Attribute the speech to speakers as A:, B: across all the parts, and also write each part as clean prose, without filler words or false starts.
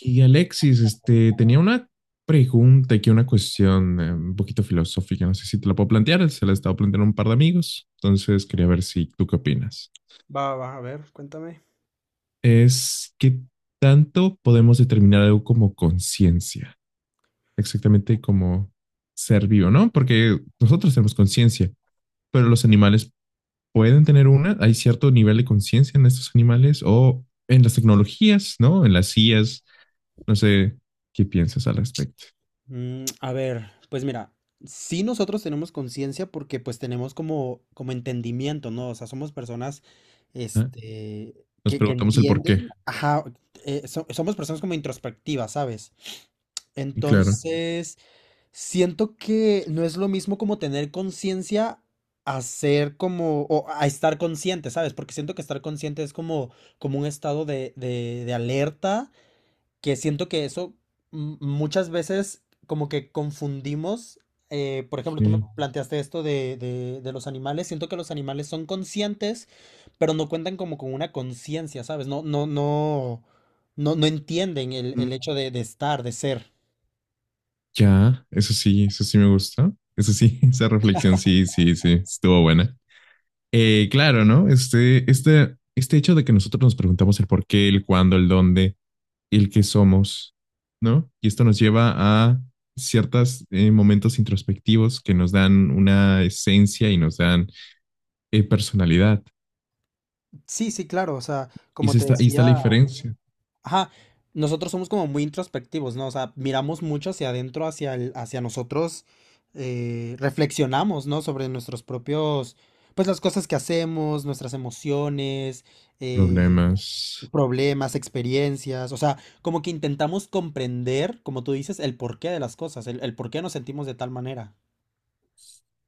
A: Y Alexis, tenía una pregunta aquí, una cuestión un poquito filosófica. No sé si te la puedo plantear. Se la he estado planteando a un par de amigos, entonces quería ver si tú qué opinas. Es qué tanto podemos determinar algo como conciencia, exactamente como ser vivo, ¿no? Porque nosotros tenemos conciencia, pero los animales pueden tener una, hay cierto nivel de conciencia en estos animales o en las tecnologías, ¿no? En las sillas, no sé qué piensas al respecto.
B: A ver, pues mira, sí nosotros tenemos conciencia porque pues tenemos como entendimiento, ¿no? O sea, somos personas,
A: ¿Ah? Nos
B: que
A: preguntamos el por qué.
B: entienden, ajá, somos personas como introspectivas, ¿sabes?
A: Y claro.
B: Entonces, siento que no es lo mismo como tener conciencia a ser como, o a estar consciente, ¿sabes? Porque siento que estar consciente es como un estado de alerta, que siento que eso muchas veces como que confundimos. Por ejemplo, tú me
A: Ok.
B: planteaste esto de los animales, siento que los animales son conscientes, pero no cuentan como con una conciencia, ¿sabes? No, no, no, no, no entienden el
A: Mm.
B: hecho de estar, de ser.
A: Ya, eso sí me gusta. Eso sí, esa reflexión sí, sí, sí, estuvo buena. Claro, ¿no? Este hecho de que nosotros nos preguntamos el por qué, el cuándo, el dónde, el qué somos, ¿no? Y esto nos lleva a ciertos momentos introspectivos que nos dan una esencia y nos dan personalidad.
B: Sí, sí, claro, o sea,
A: Y
B: como
A: se
B: te
A: está, ahí está la
B: decía,
A: diferencia.
B: ajá, nosotros somos como muy introspectivos, ¿no? O sea, miramos mucho hacia adentro, hacia nosotros, reflexionamos, ¿no? Sobre nuestros propios, pues las cosas que hacemos, nuestras emociones, eh,
A: Problemas.
B: problemas, experiencias, o sea, como que intentamos comprender, como tú dices, el porqué de las cosas, el por qué nos sentimos de tal manera.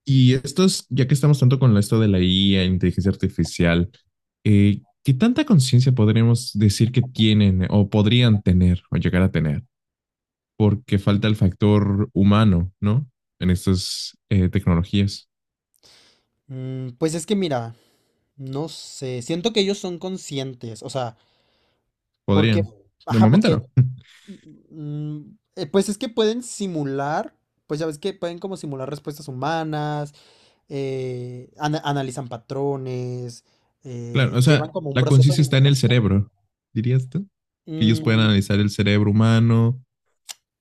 A: Y estos, ya que estamos tanto con esto de la IA, inteligencia artificial, ¿qué tanta conciencia podríamos decir que tienen o podrían tener o llegar a tener? Porque falta el factor humano, ¿no? En estas tecnologías.
B: Pues es que mira, no sé, siento que ellos son conscientes, o sea, porque,
A: Podrían. De
B: ajá,
A: momento
B: porque
A: no.
B: Mm, pues es que pueden simular, pues ya ves que pueden como simular respuestas humanas. Analizan patrones,
A: Claro, o
B: llevan
A: sea,
B: como un
A: la
B: proceso de
A: conciencia está en el
B: información.
A: cerebro, dirías tú. Que ellos puedan analizar
B: Mm,
A: el cerebro humano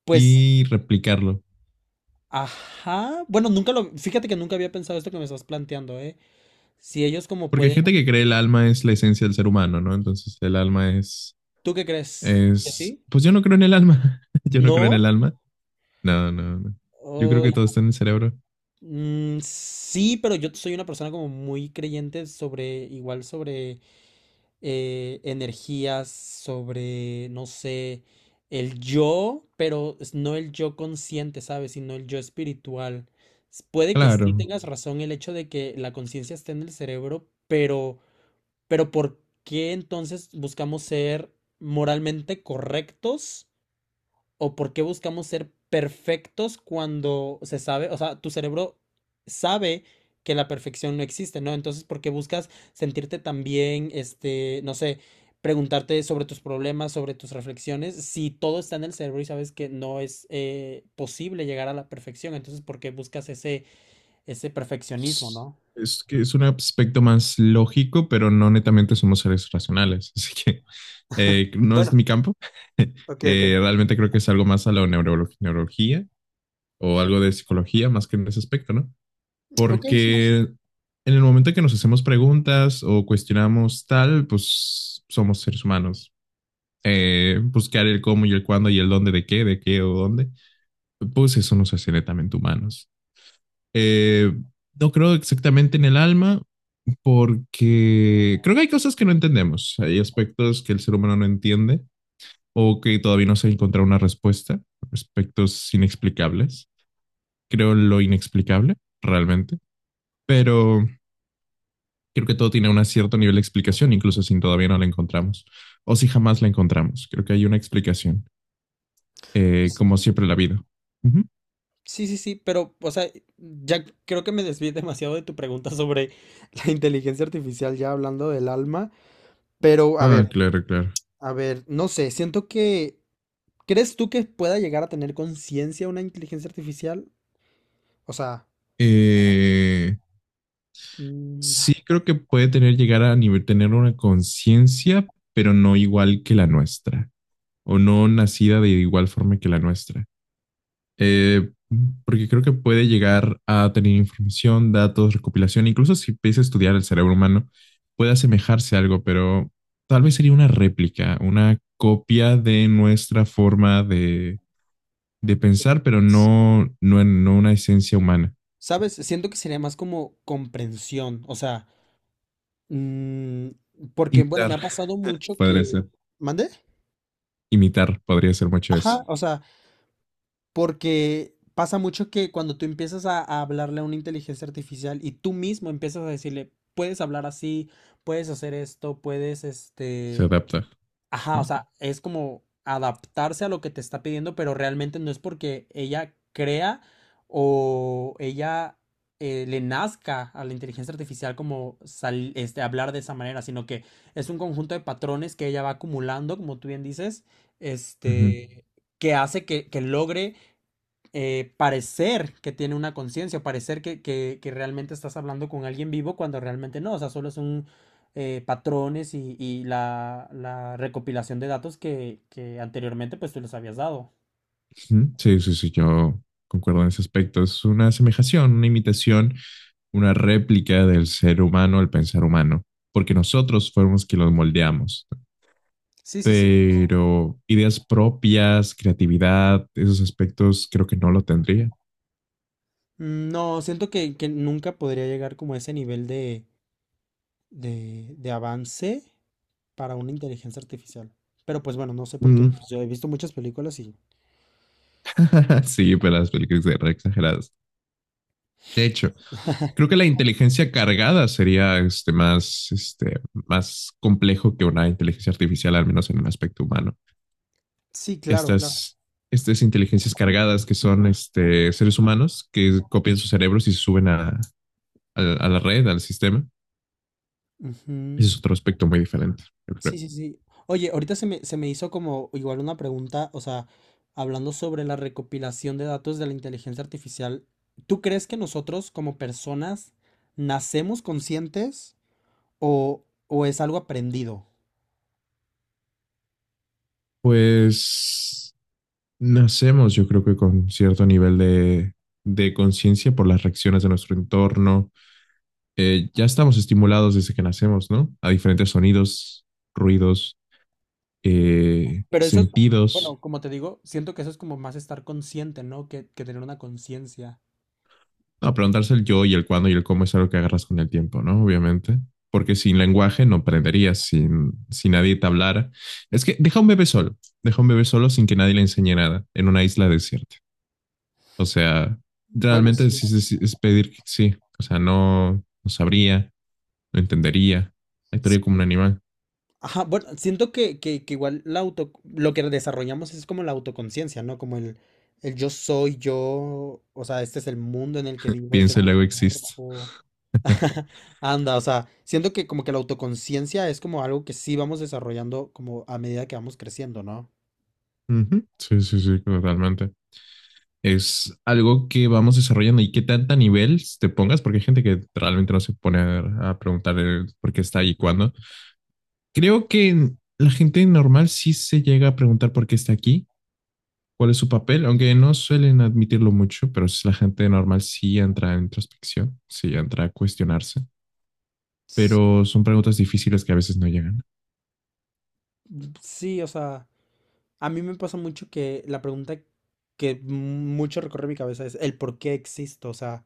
B: pues,
A: y replicarlo.
B: ajá. Bueno, nunca lo, fíjate que nunca había pensado esto que me estás planteando, ¿eh? Si ellos como
A: Porque hay
B: pueden,
A: gente que cree el alma es la esencia del ser humano, ¿no? Entonces el alma es...
B: ¿tú qué crees? ¿Que
A: Es,
B: sí?
A: pues yo no creo en el alma. Yo no creo en el
B: ¿No?
A: alma. No, no, no. Yo creo
B: Ay,
A: que todo está en el cerebro.
B: mm, sí, pero yo soy una persona como muy creyente sobre, igual sobre energías, sobre, no sé, el yo, pero no el yo consciente, ¿sabes? Sino el yo espiritual. Puede que sí
A: Claro.
B: tengas razón el hecho de que la conciencia esté en el cerebro, pero, ¿por qué entonces buscamos ser moralmente correctos? ¿O por qué buscamos ser perfectos cuando se sabe, o sea, tu cerebro sabe que la perfección no existe, ¿no? Entonces, ¿por qué buscas sentirte tan bien, este, no sé, preguntarte sobre tus problemas, sobre tus reflexiones, si todo está en el cerebro y sabes que no es posible llegar a la perfección? Entonces, ¿por qué buscas ese perfeccionismo,
A: Es
B: no?
A: es que es un aspecto más lógico, pero no netamente somos seres racionales. Así que no es mi campo. Realmente creo que es algo más a la neurología o algo de psicología más que en ese aspecto, ¿no? Porque en el momento que nos hacemos preguntas o cuestionamos tal, pues somos seres humanos. Buscar el cómo y el cuándo y el dónde de qué, o dónde, pues eso nos hace netamente humanos. Eh, no creo exactamente en el alma porque creo que hay cosas que no entendemos, hay aspectos que el ser humano no entiende o que todavía no se ha encontrado una respuesta, aspectos inexplicables. Creo en lo inexplicable realmente, pero creo que todo tiene un cierto nivel de explicación, incluso si todavía no la encontramos o si jamás la encontramos. Creo que hay una explicación. Como siempre la vida. Ujú.
B: Sí, sí, sí, pero, o sea, ya creo que me desvié demasiado de tu pregunta sobre la inteligencia artificial, ya hablando del alma, pero
A: Ah, claro, claro.
B: a ver, no sé, siento que, ¿crees tú que pueda llegar a tener conciencia una inteligencia artificial? O sea,
A: Eh,
B: mm,
A: Sí creo que puede tener, llegar a nivel, tener una conciencia, pero no igual que la nuestra, o no nacida de igual forma que la nuestra. Eh, Porque creo que puede llegar a tener información, datos, recopilación. Incluso si empieza a estudiar el cerebro humano, puede asemejarse a algo, pero tal vez sería una réplica, una copia de nuestra forma de. De pensar, pero no una esencia humana.
B: ¿sabes? Siento que sería más como comprensión, o sea, mm, porque, bueno, me
A: Imitar
B: ha pasado mucho
A: podría
B: que...
A: ser,
B: ¿Mande?
A: imitar podría ser mucho eso.
B: Ajá, o sea, porque pasa mucho que cuando tú empiezas a hablarle a una inteligencia artificial y tú mismo empiezas a decirle, puedes hablar así, puedes hacer esto, puedes,
A: Se adapta,
B: ajá, o
A: ¿no?
B: sea, es como adaptarse a lo que te está pidiendo, pero realmente no es porque ella crea o ella le nazca a la inteligencia artificial como hablar de esa manera, sino que es un conjunto de patrones que ella va acumulando, como tú bien dices,
A: Ujú,
B: este, que hace que logre parecer que tiene una conciencia, parecer que, que realmente estás hablando con alguien vivo cuando realmente no, o sea, solo son patrones y la recopilación de datos que anteriormente pues tú les habías dado.
A: ujú. Sí, sí, sí, yo concuerdo en ese aspecto. Es una asemejación, una imitación. Una réplica del ser humano, el pensar humano, porque nosotros fuimos quienes los moldeamos.
B: Sí, sí, sí.
A: Pero ideas propias, creatividad, esos aspectos creo que no lo tendría.
B: No, siento que nunca podría llegar como a ese nivel de avance para una inteligencia artificial. Pero pues bueno, no sé por qué,
A: Mm.
B: pues yo he visto muchas películas y...
A: Sí, pero las películas eran exageradas. De hecho, creo que la inteligencia cargada sería más, más complejo que una inteligencia artificial, al menos en el aspecto humano.
B: Sí, claro, claro.
A: Estas, estas inteligencias cargadas que son este, seres humanos que copian sus cerebros y se suben a la red, al sistema. Ese
B: Ujú.
A: es otro aspecto muy diferente, yo creo.
B: Sí, sí, sí. Oye, ahorita se me hizo como igual una pregunta, o sea, hablando sobre la recopilación de datos de la inteligencia artificial, ¿tú crees que nosotros como personas nacemos conscientes o es algo aprendido?
A: Pues nacemos, yo creo que con cierto nivel de conciencia por las reacciones de nuestro entorno. Ya estamos estimulados desde que nacemos, ¿no? A diferentes sonidos, ruidos,
B: Pero eso es,
A: sentidos.
B: bueno, como te digo, siento que eso es como más estar consciente, ¿no? Que tener una conciencia.
A: No, preguntarse el yo y el cuándo y el cómo es algo que agarras con el tiempo, ¿no? Obviamente. Porque sin lenguaje no aprenderías, sin, si nadie te hablara. Es que deja un bebé solo, deja un bebé solo sin que nadie le enseñe nada en una isla desierta. O sea,
B: Bueno,
A: realmente
B: sí.
A: es, es pedir, sí, o sea, no, no sabría, no entendería, actuaría como un animal,
B: Ajá, bueno, siento que, que igual lo que desarrollamos es como la autoconciencia, ¿no? Como el yo soy yo, o sea, este es el mundo en el que vivo, este es
A: piensa y
B: mi
A: luego existe.
B: cuerpo. Anda, o sea, siento que como que la autoconciencia es como algo que sí vamos desarrollando como a medida que vamos creciendo, ¿no?
A: Ujú. Sí, sí, sí, totalmente. Es algo que vamos desarrollando y qué tanta nivel te pongas, porque hay gente que realmente no se pone a preguntar el por qué está ahí y cuándo. Creo que la gente normal sí se llega a preguntar por qué está aquí, cuál es su papel, aunque no suelen admitirlo mucho, pero la gente normal sí entra en introspección, sí entra a cuestionarse,
B: Sí,
A: pero son preguntas difíciles que a veces no llegan.
B: sí, o sea, a mí me pasa mucho que la pregunta que mucho recorre mi cabeza es el por qué existo, o sea,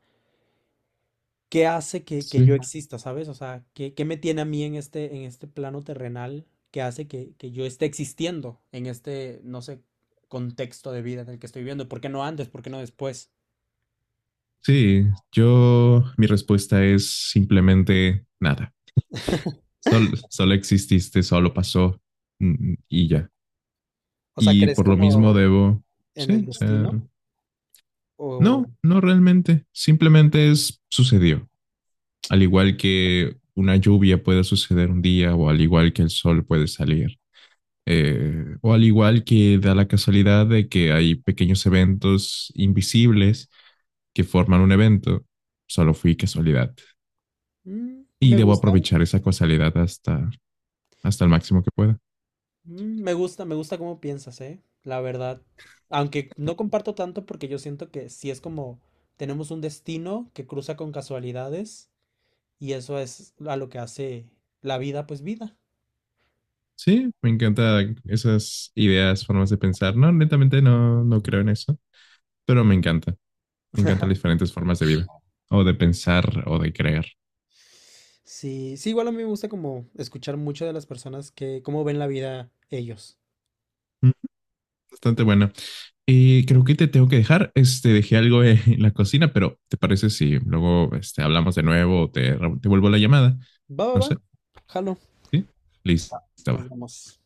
B: ¿qué hace que
A: Sí.
B: yo exista? ¿Sabes? O sea, ¿Qué me tiene a mí en este plano terrenal que hace que yo esté existiendo en este, no sé, contexto de vida en el que estoy viviendo? ¿Por qué no antes? ¿Por qué no después?
A: Sí, yo, mi respuesta es simplemente nada. Solo exististe, solo pasó, y ya.
B: O sea,
A: Y
B: ¿crees
A: por lo mismo
B: como
A: debo,
B: en el
A: sí, o sea,
B: destino? O
A: no realmente, simplemente es, sucedió, al igual que una lluvia puede suceder un día o al igual que el sol puede salir. O al igual que da la casualidad de que hay pequeños eventos invisibles que forman un evento, solo fui casualidad. Y
B: Me
A: debo
B: gusta.
A: aprovechar esa casualidad hasta, hasta el máximo que pueda.
B: Me gusta, me gusta cómo piensas, ¿eh? La verdad. Aunque no comparto tanto porque yo siento que sí es como tenemos un destino que cruza con casualidades y eso es a lo que hace la vida, pues vida.
A: Sí, me encantan esas ideas, formas de pensar. No, netamente no, no creo en eso, pero me encanta. Me encantan las diferentes formas de vida, o de pensar, o de creer.
B: Sí, sí, igual a mí me gusta como escuchar mucho de las personas que cómo ven la vida ellos.
A: Bastante buena. Y creo que te tengo que dejar. Este, dejé algo en la cocina, pero ¿te parece si luego este, hablamos de nuevo o te vuelvo la llamada?
B: Va, va,
A: No
B: va.
A: sé.
B: Jalo,
A: ¿Sí? Listo,
B: nos
A: va.
B: vemos.